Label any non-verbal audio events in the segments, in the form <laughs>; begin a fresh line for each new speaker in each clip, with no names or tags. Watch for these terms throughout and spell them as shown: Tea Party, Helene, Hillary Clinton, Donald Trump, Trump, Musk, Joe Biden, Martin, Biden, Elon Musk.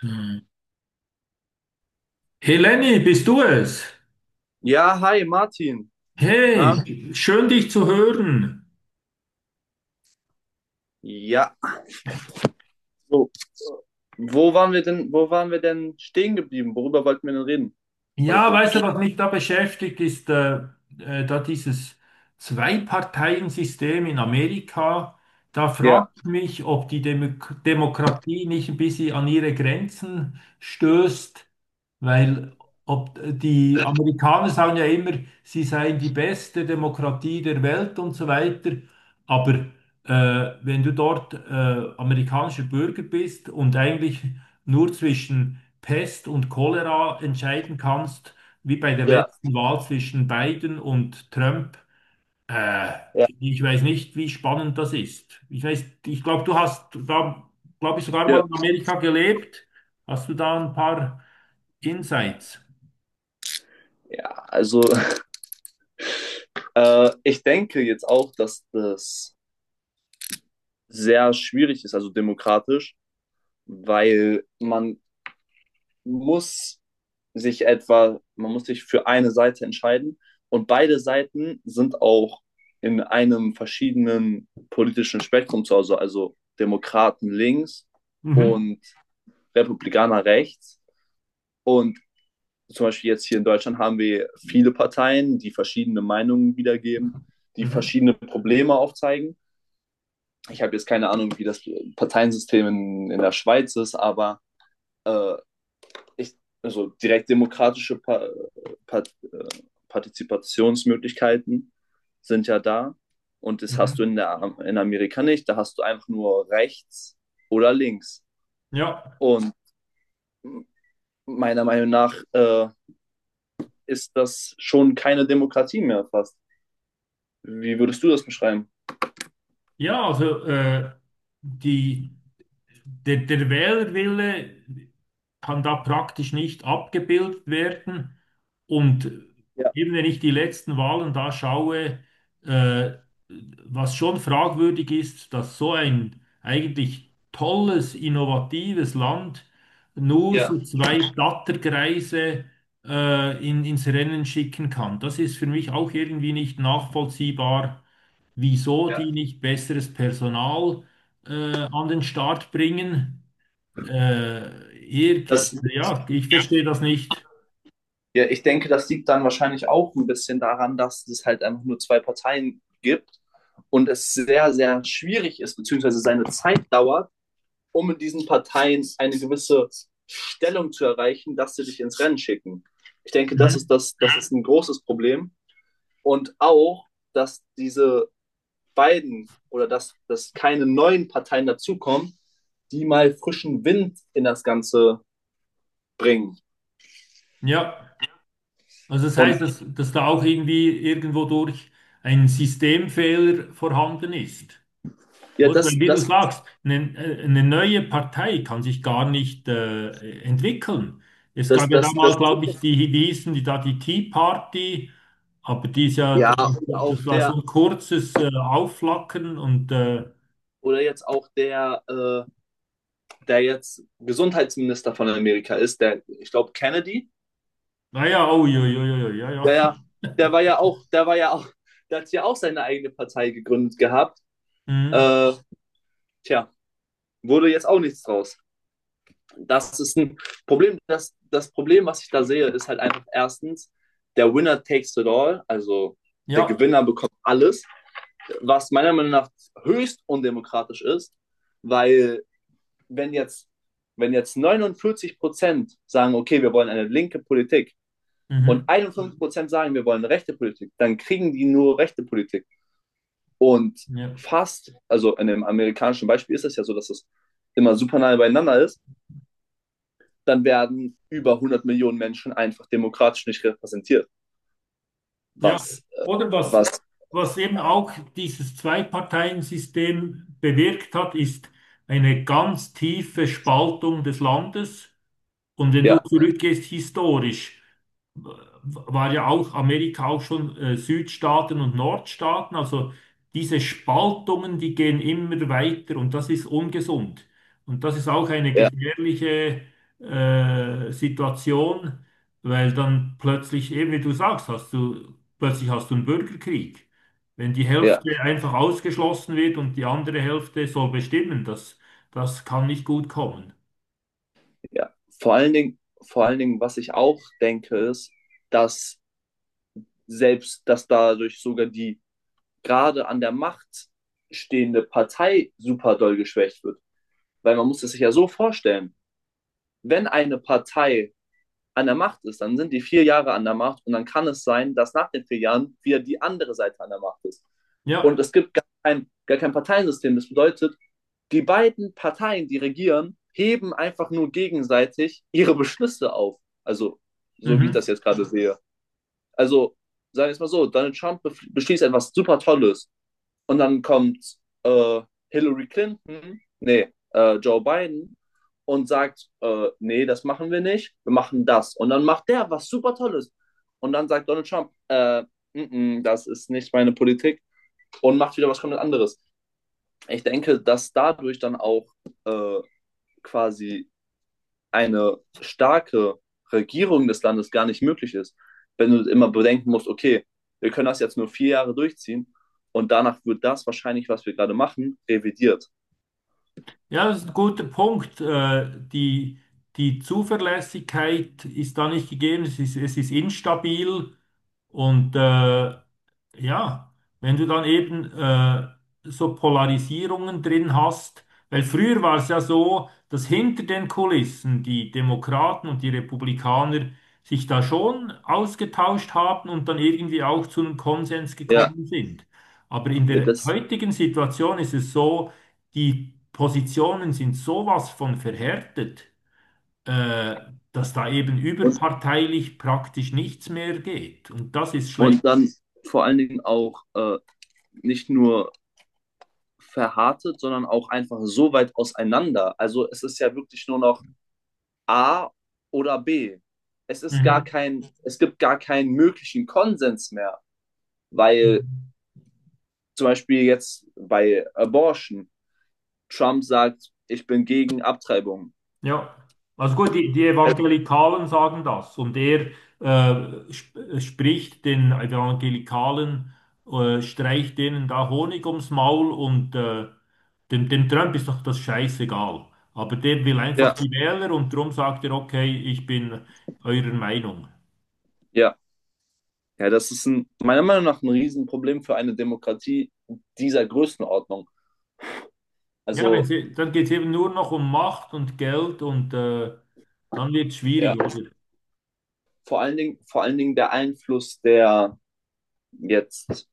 Hm. Helene, bist du es?
Ja, hi Martin. Na?
Hey, schön dich zu hören.
Ja. So, wo waren wir denn stehen geblieben? Worüber wollten wir denn reden
Ja,
heute?
weißt du, was mich da beschäftigt, ist da dieses Zwei-Parteien-System in Amerika. Da frage
Ja,
ich mich, ob die Demokratie nicht ein bisschen an ihre Grenzen stößt, weil ob die Amerikaner sagen ja immer, sie seien die beste Demokratie der Welt und so weiter. Aber äh, wenn du dort amerikanischer Bürger bist und eigentlich nur zwischen Pest und Cholera entscheiden kannst, wie bei der
Ja,
letzten Wahl zwischen Biden und Trump. Äh,
ja.
Ich weiß nicht, wie spannend das ist. Ich weiß, ich glaube, du hast da, glaube ich, sogar mal
ja.
in Amerika gelebt. Hast du da ein paar Insights?
Ja, also <laughs> ich denke jetzt auch, dass das sehr schwierig ist, also demokratisch, weil man muss sich etwa, man muss sich für eine Seite entscheiden und beide Seiten sind auch in einem verschiedenen politischen Spektrum zu Hause, also Demokraten links
Mhm.
und Republikaner rechts. Und zum Beispiel jetzt hier in Deutschland haben wir viele Parteien, die verschiedene Meinungen wiedergeben, die
Mhm.
verschiedene Probleme aufzeigen. Ich habe jetzt keine Ahnung, wie das Parteiensystem in der Schweiz ist, aber äh, ich, also direkt demokratische pa pa Partizipationsmöglichkeiten sind ja da. Und das hast du
Mhm.
in, der, in Amerika nicht. Da hast du einfach nur rechts oder links.
Ja.
Und meiner Meinung nach ist das schon keine Demokratie mehr fast. Wie würdest du das beschreiben?
Ja, also die. der Wählerwille kann da praktisch nicht abgebildet werden. Und
Ja,
eben wenn ich die letzten Wahlen da schaue, äh, was schon fragwürdig ist, dass so ein eigentlich tolles, innovatives Land nur
ja,
so zwei Blattergreise ins Rennen schicken kann. Das ist für mich auch irgendwie nicht nachvollziehbar, wieso
ja.
die nicht besseres Personal äh, an den Start bringen. Äh, irg-
Das,
ja, ich verstehe das nicht.
ja, ich denke, das liegt dann wahrscheinlich auch ein bisschen daran, dass es halt einfach nur zwei Parteien gibt und es sehr, sehr schwierig ist, beziehungsweise seine Zeit dauert, um in diesen Parteien eine gewisse Stellung zu erreichen, dass sie dich ins Rennen schicken. Ich denke,
Mhm.
das ist ein großes Problem. Und auch, dass diese beiden oder dass keine neuen Parteien dazukommen, die mal frischen Wind in das Ganze bringen.
Ja, also das
Und
heißt, dass da auch irgendwie irgendwo durch ein Systemfehler vorhanden ist.
ja,
Oder weil, wie du sagst, eine neue Partei kann sich gar nicht entwickeln. Es
das,
gab ja da
das, das,
mal, glaube ich, die, die hießen, die da die Tea Party, aber die ist ja,
ja, und auch
das war so
der,
ein kurzes Aufflackern und
oder jetzt auch der, der jetzt Gesundheitsminister von Amerika ist, der, ich glaube, Kennedy.
naja, oh, ja, ja, ja, ja,
Ja,
ja.
ja. Der war ja auch, der war ja auch, der hat ja auch seine eigene Partei gegründet gehabt.
Mhm.
Äh, tja, wurde jetzt auch nichts draus. Das ist ein Problem. Das Problem, was ich da sehe, ist halt einfach erstens, der Winner takes it all, also der
Ja,
Gewinner bekommt alles, was meiner Meinung nach höchst undemokratisch ist, weil wenn jetzt, wenn jetzt 49% sagen, okay, wir wollen eine linke Politik
mhm.
und 51% sagen, wir wollen eine rechte Politik, dann kriegen die nur rechte Politik. Und
Ja.
fast, also in dem amerikanischen Beispiel ist es ja so, dass es immer super nahe beieinander ist, dann werden über 100 Millionen Menschen einfach demokratisch nicht repräsentiert.
Ja.
Was,
Oder was,
was,
was eben auch dieses Zwei-Parteien-System bewirkt hat, ist eine ganz tiefe Spaltung des Landes. Und wenn du
ja,
zurückgehst historisch, w- war ja auch Amerika auch schon Südstaaten und Nordstaaten. Also diese Spaltungen, die gehen immer weiter und das ist ungesund. Und das ist auch eine
ja,
gefährliche Situation, weil dann plötzlich, eben wie du sagst, plötzlich hast du einen Bürgerkrieg. Wenn die
ja,
Hälfte einfach ausgeschlossen wird und die andere Hälfte soll bestimmen, das kann nicht gut kommen.
ja. Vor allen Dingen, was ich auch denke, ist, dass selbst, dass dadurch sogar die gerade an der Macht stehende Partei super doll geschwächt wird. Weil man muss es sich ja so vorstellen, wenn eine Partei an der Macht ist, dann sind die 4 Jahre an der Macht und dann kann es sein, dass nach den 4 Jahren wieder die andere Seite an der Macht ist. Und
Ja.
es gibt gar kein Parteiensystem. Das bedeutet, die beiden Parteien, die regieren, heben einfach nur gegenseitig ihre Beschlüsse auf. Also, so wie ich
Mhm.
das jetzt gerade sehe. Also, sagen wir es mal so, Donald Trump beschließt etwas super Tolles und dann kommt äh, Hillary Clinton, nee, Joe Biden und sagt, nee, das machen wir nicht, wir machen das. Und dann macht der was super Tolles. Und dann sagt Donald Trump, mm, mm, das ist nicht meine Politik und macht wieder was komplett anderes. Ich denke, dass dadurch dann auch äh, quasi eine starke Regierung des Landes gar nicht möglich ist, wenn du immer bedenken musst, okay, wir können das jetzt nur 4 Jahre durchziehen und danach wird das wahrscheinlich, was wir gerade machen, revidiert.
Ja, das ist ein guter Punkt. Die Zuverlässigkeit ist da nicht gegeben, es ist instabil und ja, wenn du dann eben so Polarisierungen drin hast, weil früher war es ja so, dass hinter den Kulissen die Demokraten und die Republikaner sich da schon ausgetauscht haben und dann irgendwie auch zu einem Konsens
Ja,
gekommen sind. Aber in
ja
der
das,
heutigen Situation ist es so, die Positionen sind sowas von verhärtet, äh, dass da eben
und,
überparteilich praktisch nichts mehr geht. Und das ist schlecht.
und dann vor allen Dingen auch nicht nur verhärtet, sondern auch einfach so weit auseinander. Also es ist ja wirklich nur noch A oder B. Es ist gar
Mhm.
kein, es gibt gar keinen möglichen Konsens mehr, weil
Mhm.
zum Beispiel jetzt bei Abortion Trump sagt, ich bin gegen Abtreibung.
Ja, also gut, die
Also,
Evangelikalen sagen das und er sp spricht den Evangelikalen, streicht denen da Honig ums Maul und dem Trump ist doch das scheißegal. Aber der will einfach
Ja,
die Wähler und darum sagt er, okay, ich bin eurer Meinung.
ja. Ja, das ist ein, meiner Meinung nach ein Riesenproblem für eine Demokratie dieser Größenordnung.
Ja,
Also,
dann geht es eben nur noch um Macht und Geld und dann wird es schwierig,
ja,
oder?
vor allen Dingen der Einfluss der jetzt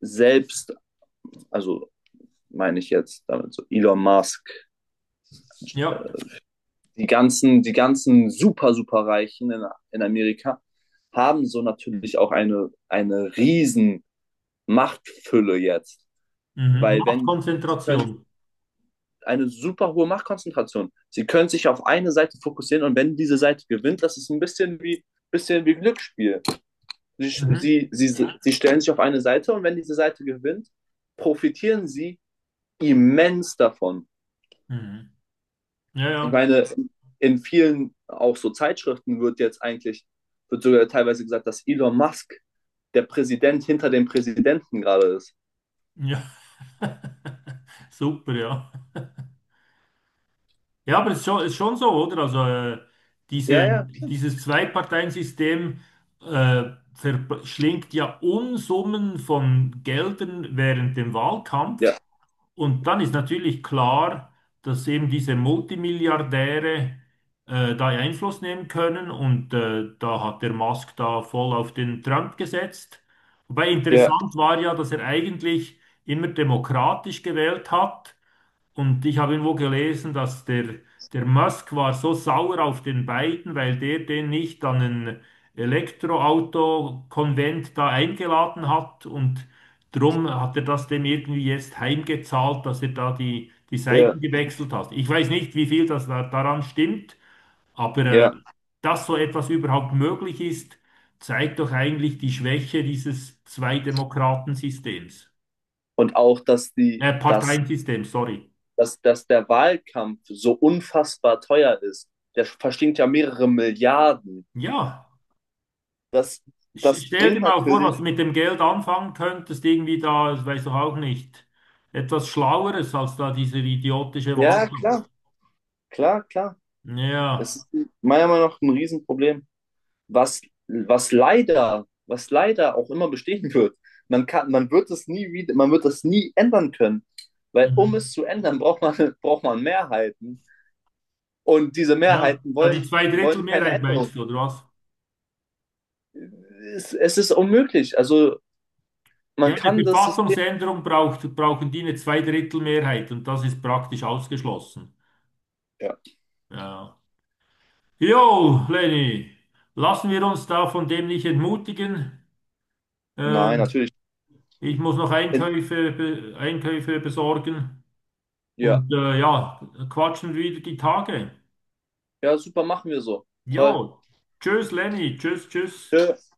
selbst, also meine ich jetzt damit so Elon Musk,
Ja,
die ganzen super, super Reichen in Amerika haben so natürlich auch eine riesen Machtfülle jetzt.
mhm.
Weil wenn, sie können,
Machtkonzentration.
eine super hohe Machtkonzentration. Sie können sich auf eine Seite fokussieren und wenn diese Seite gewinnt, das ist ein bisschen wie Glücksspiel. Sie,
Mhm.
sie, sie, sie stellen sich auf eine Seite und wenn diese Seite gewinnt, profitieren sie immens davon.
Mhm. Ja,
Ich
ja.
meine, in vielen auch so Zeitschriften wird jetzt eigentlich, wird sogar teilweise gesagt, dass Elon Musk der Präsident hinter dem Präsidenten gerade ist.
Ja. <laughs> Super, ja. Ja, aber es ist schon so, oder? Also diese,
Ja, ja,
dieses Zwei-Parteien-System äh, verschlingt ja Unsummen von Geldern während dem Wahlkampf.
ja,
Und dann ist natürlich klar, dass eben diese Multimilliardäre da Einfluss nehmen können und da hat der Musk da voll auf den Trump gesetzt. Wobei
ja,
interessant war ja, dass er eigentlich immer demokratisch gewählt hat und ich habe irgendwo gelesen, dass der Musk war so sauer auf den Biden, weil der den nicht an ein Elektroauto-Konvent da eingeladen hat. Und drum hat er das dem irgendwie jetzt heimgezahlt, dass er da die
ja,
Seiten gewechselt hat. Ich weiß nicht, wie viel daran stimmt, aber
ja.
dass so etwas überhaupt möglich ist, zeigt doch eigentlich die Schwäche dieses Zwei-Demokraten-Systems.
Und auch, dass die, dass
Parteiensystems, sorry.
dass, dass der Wahlkampf so unfassbar teuer ist. Der verstinkt ja mehrere Milliarden.
Ja.
Das, das
Stell dir
bringt
mal vor,
natürlich,
was du mit dem Geld anfangen könntest, irgendwie da, das weiß doch auch nicht, etwas Schlaueres als da diese idiotische
ja,
Wahlkampf.
klar. Es
Ja,
ist meiner Meinung nach ein Riesenproblem, was, was leider auch immer bestehen wird. Man wird es nie wieder, man wird das nie ändern können. Weil um es
mhm.
zu ändern, braucht man, <laughs> braucht man Mehrheiten. Und diese
Ja,
Mehrheiten
da die
wollen, wollen keine
Zweidrittelmehrheit
Änderung.
meinst du, oder was?
Es ist unmöglich. Also man
Ja, eine
kann das System.
Verfassungsänderung brauchen die eine Zweidrittelmehrheit und das ist praktisch ausgeschlossen.
Ja.
Ja. Jo, Lenny, lassen wir uns da von dem nicht entmutigen. Äh,
Nein, natürlich.
Ich muss noch
In-
Einkäufe besorgen.
Ja,
Und ja, quatschen wieder die Tage.
ja, super, machen wir so.
Jo,
Toll.
tschüss Lenny, tschüss, tschüss.
Tschö.